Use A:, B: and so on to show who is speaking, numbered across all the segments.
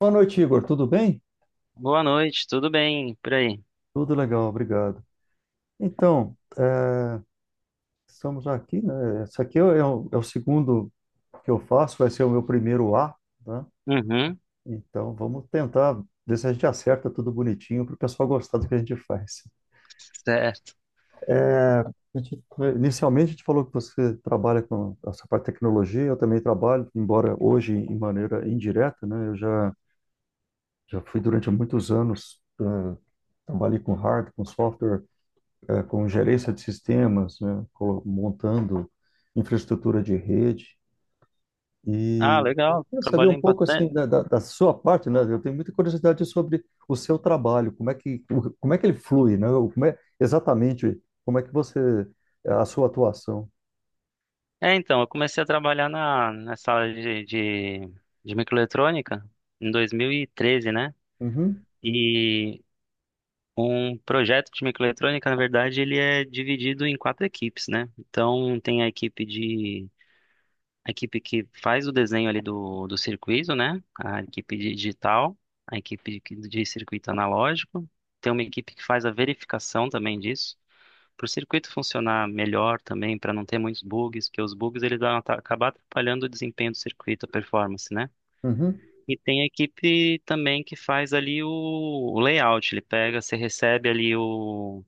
A: Boa noite, Igor. Tudo bem?
B: Boa noite, tudo bem por aí?
A: Tudo legal, obrigado. Então, estamos aqui, né? Esse aqui é é o segundo que eu faço, vai ser o meu primeiro A, né?
B: Uhum,
A: Então, vamos tentar ver se a gente acerta tudo bonitinho para o pessoal gostar do que a gente faz.
B: certo.
A: É, A gente- inicialmente, a gente falou que você trabalha com essa parte de tecnologia, eu também trabalho, embora hoje em maneira indireta, né? Já fui durante muitos anos, trabalhei com hardware, com software, com gerência de sistemas, né, montando infraestrutura de rede.
B: Ah,
A: E eu
B: legal,
A: queria saber um
B: trabalhei em
A: pouco assim
B: bastante.
A: da sua parte, né? Eu tenho muita curiosidade sobre o seu trabalho, como é como é que ele flui, né? Ou como é exatamente como é que você é, a sua atuação?
B: Então, eu comecei a trabalhar nessa área de, de, de microeletrônica em 2013, né?
A: Uhum,
B: E um projeto de microeletrônica, na verdade, ele é dividido em quatro equipes, né? Então, tem a equipe de, a equipe que faz o desenho ali do circuito, né? A equipe de digital, a equipe de circuito analógico. Tem uma equipe que faz a verificação também disso, para o circuito funcionar melhor também, para não ter muitos bugs, porque os bugs eles acabar atrapalhando o desempenho do circuito, a performance, né?
A: uhum,
B: E tem a equipe também que faz ali o layout. Ele pega, você recebe ali o,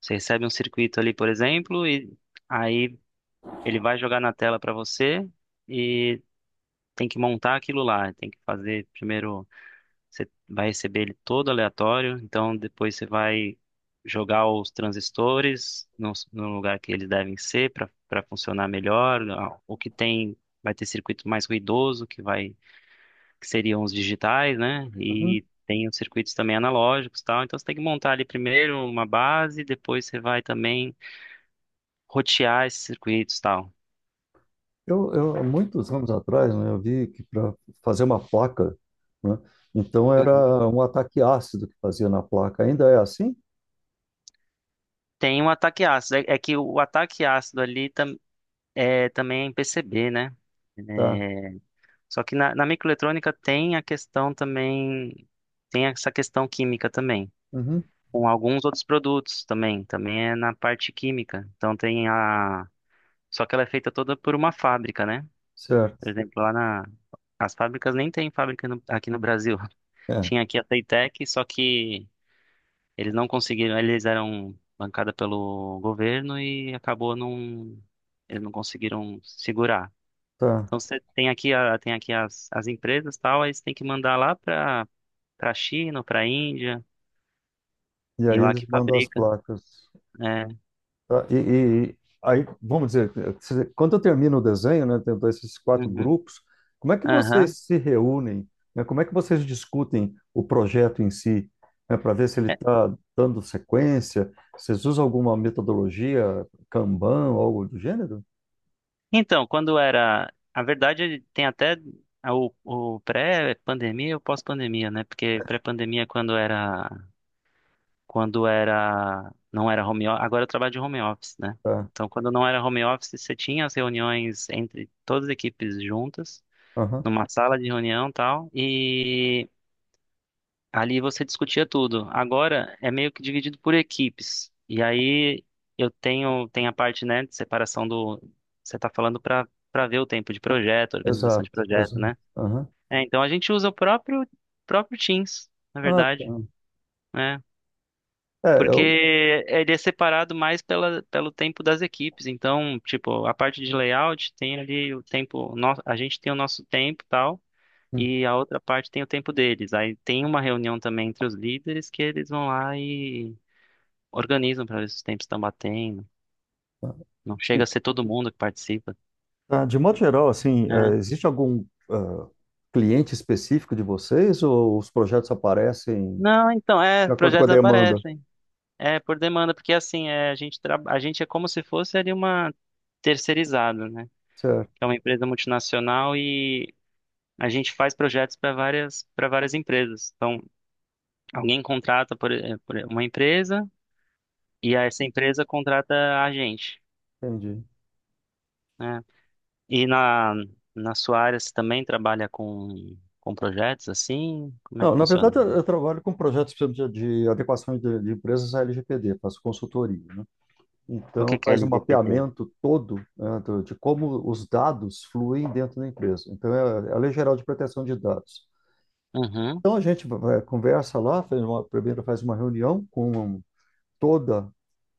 B: você recebe um circuito ali, por exemplo, e aí ele vai jogar na tela para você e tem que montar aquilo lá. Tem que fazer primeiro, você vai receber ele todo aleatório, então depois você vai jogar os transistores no lugar que eles devem ser para funcionar melhor. Ah, o que tem, vai ter circuito mais ruidoso, que vai, que seriam os digitais, né?
A: uhum.
B: E tem os circuitos também analógicos, e tal. Então você tem que montar ali primeiro uma base, depois você vai também rotear esses circuitos, e tal.
A: Eu há muitos anos atrás, né, eu vi que para fazer uma placa, né, então
B: Uhum.
A: era um ataque ácido que fazia na placa. Ainda é assim?
B: Tem um ataque ácido. É que o ataque ácido ali também é em PCB, né?
A: Tá.
B: É, Só que na microeletrônica tem a questão também, tem essa questão química também,
A: Uhum,
B: com alguns outros produtos também, também é na parte química. Então tem a, só que ela é feita toda por uma fábrica, né?
A: certo.
B: Por exemplo, lá na, as fábricas, nem tem fábrica aqui no Brasil.
A: É.
B: Tinha aqui a Playtech, só que eles não conseguiram, eles eram bancada pelo governo e acabou não, eles não conseguiram segurar.
A: Tá.
B: Então você tem aqui a, tem aqui as, as empresas, tal, aí você tem que mandar lá para a China, para a Índia,
A: E
B: e
A: aí
B: lá
A: eles
B: que
A: mandam as
B: fabrica.
A: placas.
B: É.
A: Tá. E aí, vamos dizer, quando eu termino o desenho, né, tendo esses quatro
B: Uhum.
A: grupos, como é que
B: Aham.
A: vocês se reúnem, né? Como é que vocês discutem o projeto em si, né, para ver se ele
B: É.
A: está dando sequência? Vocês usam alguma metodologia, Kanban, ou algo do gênero?
B: Então, quando era... A verdade, é, tem até o pré-pandemia e o pós-pandemia, né? Porque pré-pandemia é quando era. Quando era. Não era home office. Agora eu trabalho de home office, né?
A: Tá.
B: Então, quando não era home office, você tinha as reuniões entre todas as equipes juntas,
A: Aham.
B: numa sala de reunião e tal. Ali você discutia tudo. Agora é meio que dividido por equipes. E aí eu tenho, tem a parte, né, de separação do, você está falando para ver o tempo de projeto, organização
A: Exato,
B: de projeto,
A: exato.
B: né?
A: Aham.
B: É, então a gente usa o próprio Teams, na
A: Ah, tá.
B: verdade, né?
A: É, eu...
B: Porque ele é separado mais pela, pelo tempo das equipes. Então, tipo, a parte de layout tem ali o tempo, a gente tem o nosso tempo, e tal, e a outra parte tem o tempo deles. Aí tem uma reunião também entre os líderes que eles vão lá e organizam para ver se os tempos estão batendo. Não chega a ser todo mundo que participa,
A: Ah, de modo geral, assim,
B: né?
A: existe algum ah, cliente específico de vocês ou os projetos aparecem
B: Não, então, é,
A: de acordo com a
B: projetos
A: demanda?
B: aparecem. É, por demanda, porque assim, é, a gente, a gente é como se fosse ali uma terceirizada, né? Que é
A: Certo,
B: uma empresa multinacional e a gente faz projetos para várias empresas. Então, alguém contrata por, por uma empresa e essa empresa contrata a gente.
A: entendi.
B: Né? E na, na sua área você também trabalha com projetos assim? Como é
A: Não,
B: que
A: na
B: funciona?
A: verdade, eu trabalho com projetos, por exemplo, de adequações de empresas à LGPD, faço consultoria, né?
B: O
A: Então,
B: que que é
A: faz um
B: LGPD?
A: mapeamento todo, né, de como os dados fluem dentro da empresa. Então, é a Lei Geral de Proteção de Dados.
B: Uhum,
A: Então, a gente conversa lá, primeiro faz uma reunião com toda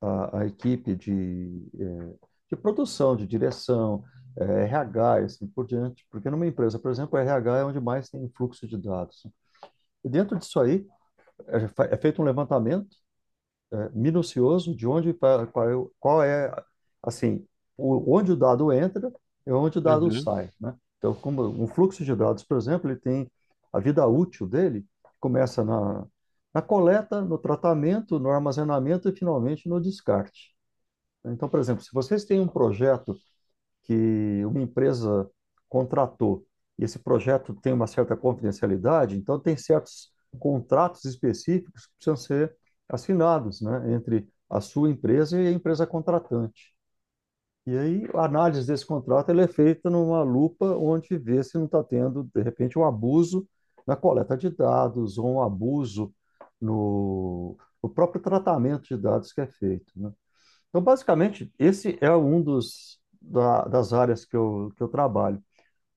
A: a equipe de produção, de direção, RH e assim por diante. Porque numa empresa, por exemplo, o RH é onde mais tem fluxo de dados. E dentro disso aí, é feito um levantamento minucioso de onde, qual é, assim, o, onde o dado entra e onde o dado
B: uhum.
A: sai, né? Então, como um fluxo de dados, por exemplo, ele tem a vida útil dele, começa na coleta, no tratamento, no armazenamento e finalmente no descarte. Então, por exemplo, se vocês têm um projeto que uma empresa contratou e esse projeto tem uma certa confidencialidade, então tem certos contratos específicos que precisam ser assinados, né, entre a sua empresa e a empresa contratante. E aí a análise desse contrato ela é feita numa lupa onde vê se não está tendo, de repente, um abuso na coleta de dados ou um abuso no, no próprio tratamento de dados que é feito, né? Então, basicamente, esse é um das áreas que que eu trabalho.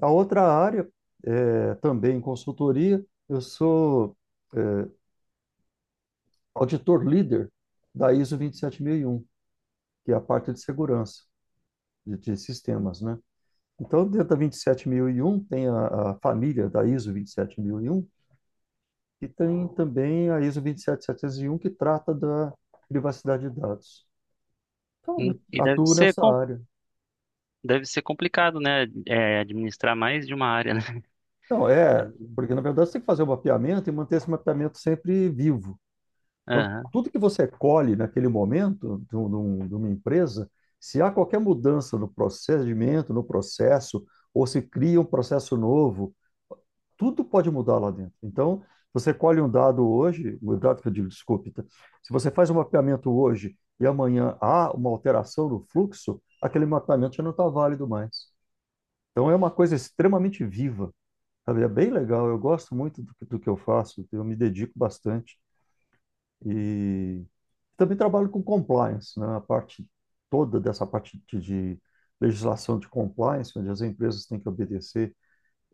A: A outra área, também em consultoria, eu sou é, auditor líder da ISO 27001, que é a parte de segurança de sistemas, né? Então, dentro da 27001 tem a família da ISO 27001 e 7001, e tem também a ISO 27701, que trata da privacidade de dados. Então, eu
B: E deve
A: atuo
B: ser,
A: nessa área.
B: deve ser complicado, né? É, administrar mais de uma área, né?
A: Então, porque na verdade você tem que fazer o mapeamento e manter esse mapeamento sempre vivo. Então,
B: Aham.
A: tudo que você colhe naquele momento de uma empresa, se há qualquer mudança no procedimento, no processo, ou se cria um processo novo, tudo pode mudar lá dentro. Então, você colhe um dado hoje, um dado, que eu digo, desculpe, tá? Se você faz um mapeamento hoje e amanhã há uma alteração no fluxo, aquele mapeamento já não está válido mais. Então, é uma coisa extremamente viva. Sabe, é bem legal, eu gosto muito do que eu faço, eu me dedico bastante e também trabalho com compliance, né? A parte toda dessa parte de legislação de compliance, onde as empresas têm que obedecer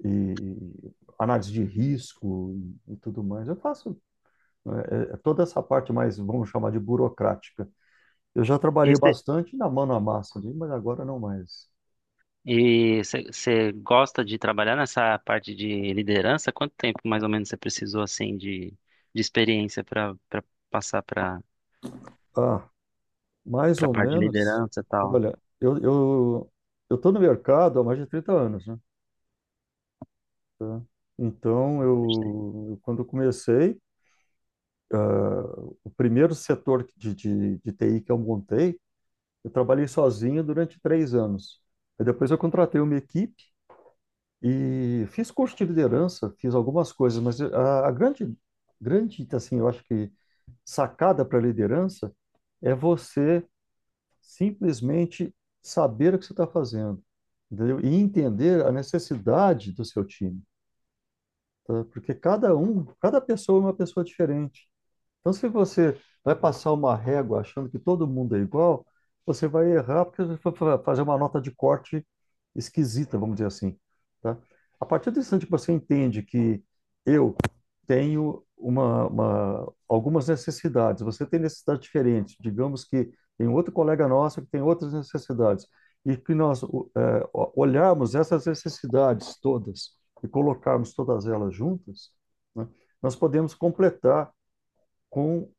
A: e análise de risco e tudo mais. Eu faço, né, é toda essa parte mais, vamos chamar, de burocrática. Eu já
B: E
A: trabalhei
B: você,
A: bastante na mão na massa, ali, mas agora não mais.
B: você gosta de trabalhar nessa parte de liderança? Quanto tempo mais ou menos você precisou assim de experiência para passar para
A: Ah, mais ou
B: parte de
A: menos,
B: liderança e tal?
A: olha, eu tô no mercado há mais de 30 anos, né? Tá? Então,
B: Bastante tempo.
A: quando eu comecei, o primeiro setor de TI que eu montei, eu trabalhei sozinho durante 3 anos. Aí depois eu contratei uma equipe e fiz curso de liderança, fiz algumas coisas, mas a grande, grande, assim, eu acho que sacada para liderança é você simplesmente saber o que você está fazendo, entendeu? E entender a necessidade do seu time, tá? Porque cada um, cada pessoa é uma pessoa diferente. Então, se você vai passar uma régua achando que todo mundo é igual, você vai errar porque você vai fazer uma nota de corte esquisita, vamos dizer assim, tá? A partir do instante que você entende que eu tenho algumas necessidades, você tem necessidades diferentes, digamos que tem outro colega nosso que tem outras necessidades, e que nós olharmos essas necessidades todas e colocarmos todas elas juntas, né, nós podemos completar com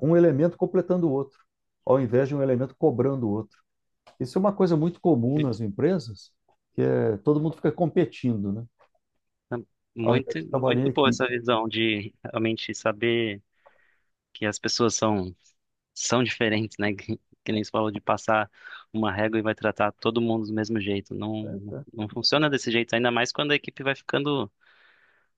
A: um elemento completando o outro, ao invés de um elemento cobrando o outro. Isso é uma coisa muito comum nas empresas, que é, todo mundo fica competindo, né? Ao invés
B: Muito,
A: de trabalhar em
B: muito boa essa
A: equipe.
B: visão de realmente saber que as pessoas são, são diferentes, né? Que nem você falou, de passar uma régua e vai tratar todo mundo do mesmo jeito. Não,
A: Né?
B: não funciona desse jeito, ainda mais quando a equipe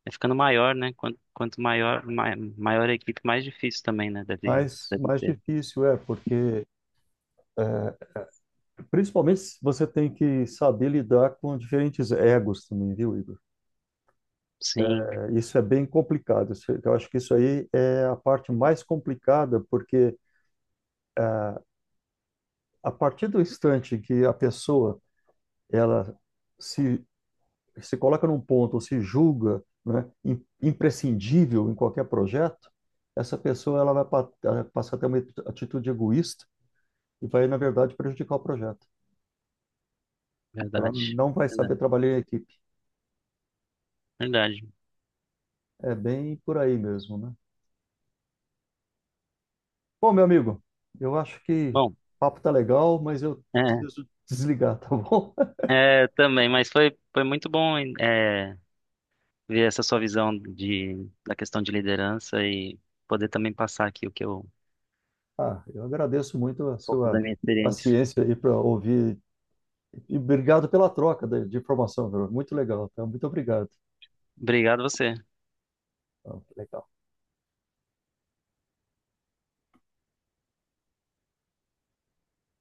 B: vai ficando maior, né? Quanto, quanto maior, maior a equipe, mais difícil também, né? Deve,
A: Mas
B: deve
A: mais
B: ter.
A: difícil é, porque principalmente você tem que saber lidar com diferentes egos também, viu, Igor?
B: Sim,
A: É, isso é bem complicado. Eu acho que isso aí é a parte mais complicada, porque a partir do instante que a pessoa ela se se coloca num ponto ou se julga, né, imprescindível em qualquer projeto, essa pessoa ela vai passar a ter uma atitude egoísta e vai, na verdade, prejudicar o projeto. Ela
B: verdade.
A: não vai saber
B: Verdade.
A: trabalhar em equipe.
B: Verdade.
A: É bem por aí mesmo, né? Bom, meu amigo, eu acho que o
B: Bom,
A: papo tá legal, mas eu
B: é,
A: preciso desligar, tá bom?
B: é, também, mas foi, foi muito bom, é, ver essa sua visão de, da questão de liderança e poder também passar aqui o que eu, um
A: Ah, eu agradeço muito a
B: pouco da
A: sua
B: minha experiência.
A: paciência aí para ouvir e obrigado pela troca de informação, Bruno. Muito legal, tá? Muito obrigado.
B: Obrigado você.
A: Tá, legal.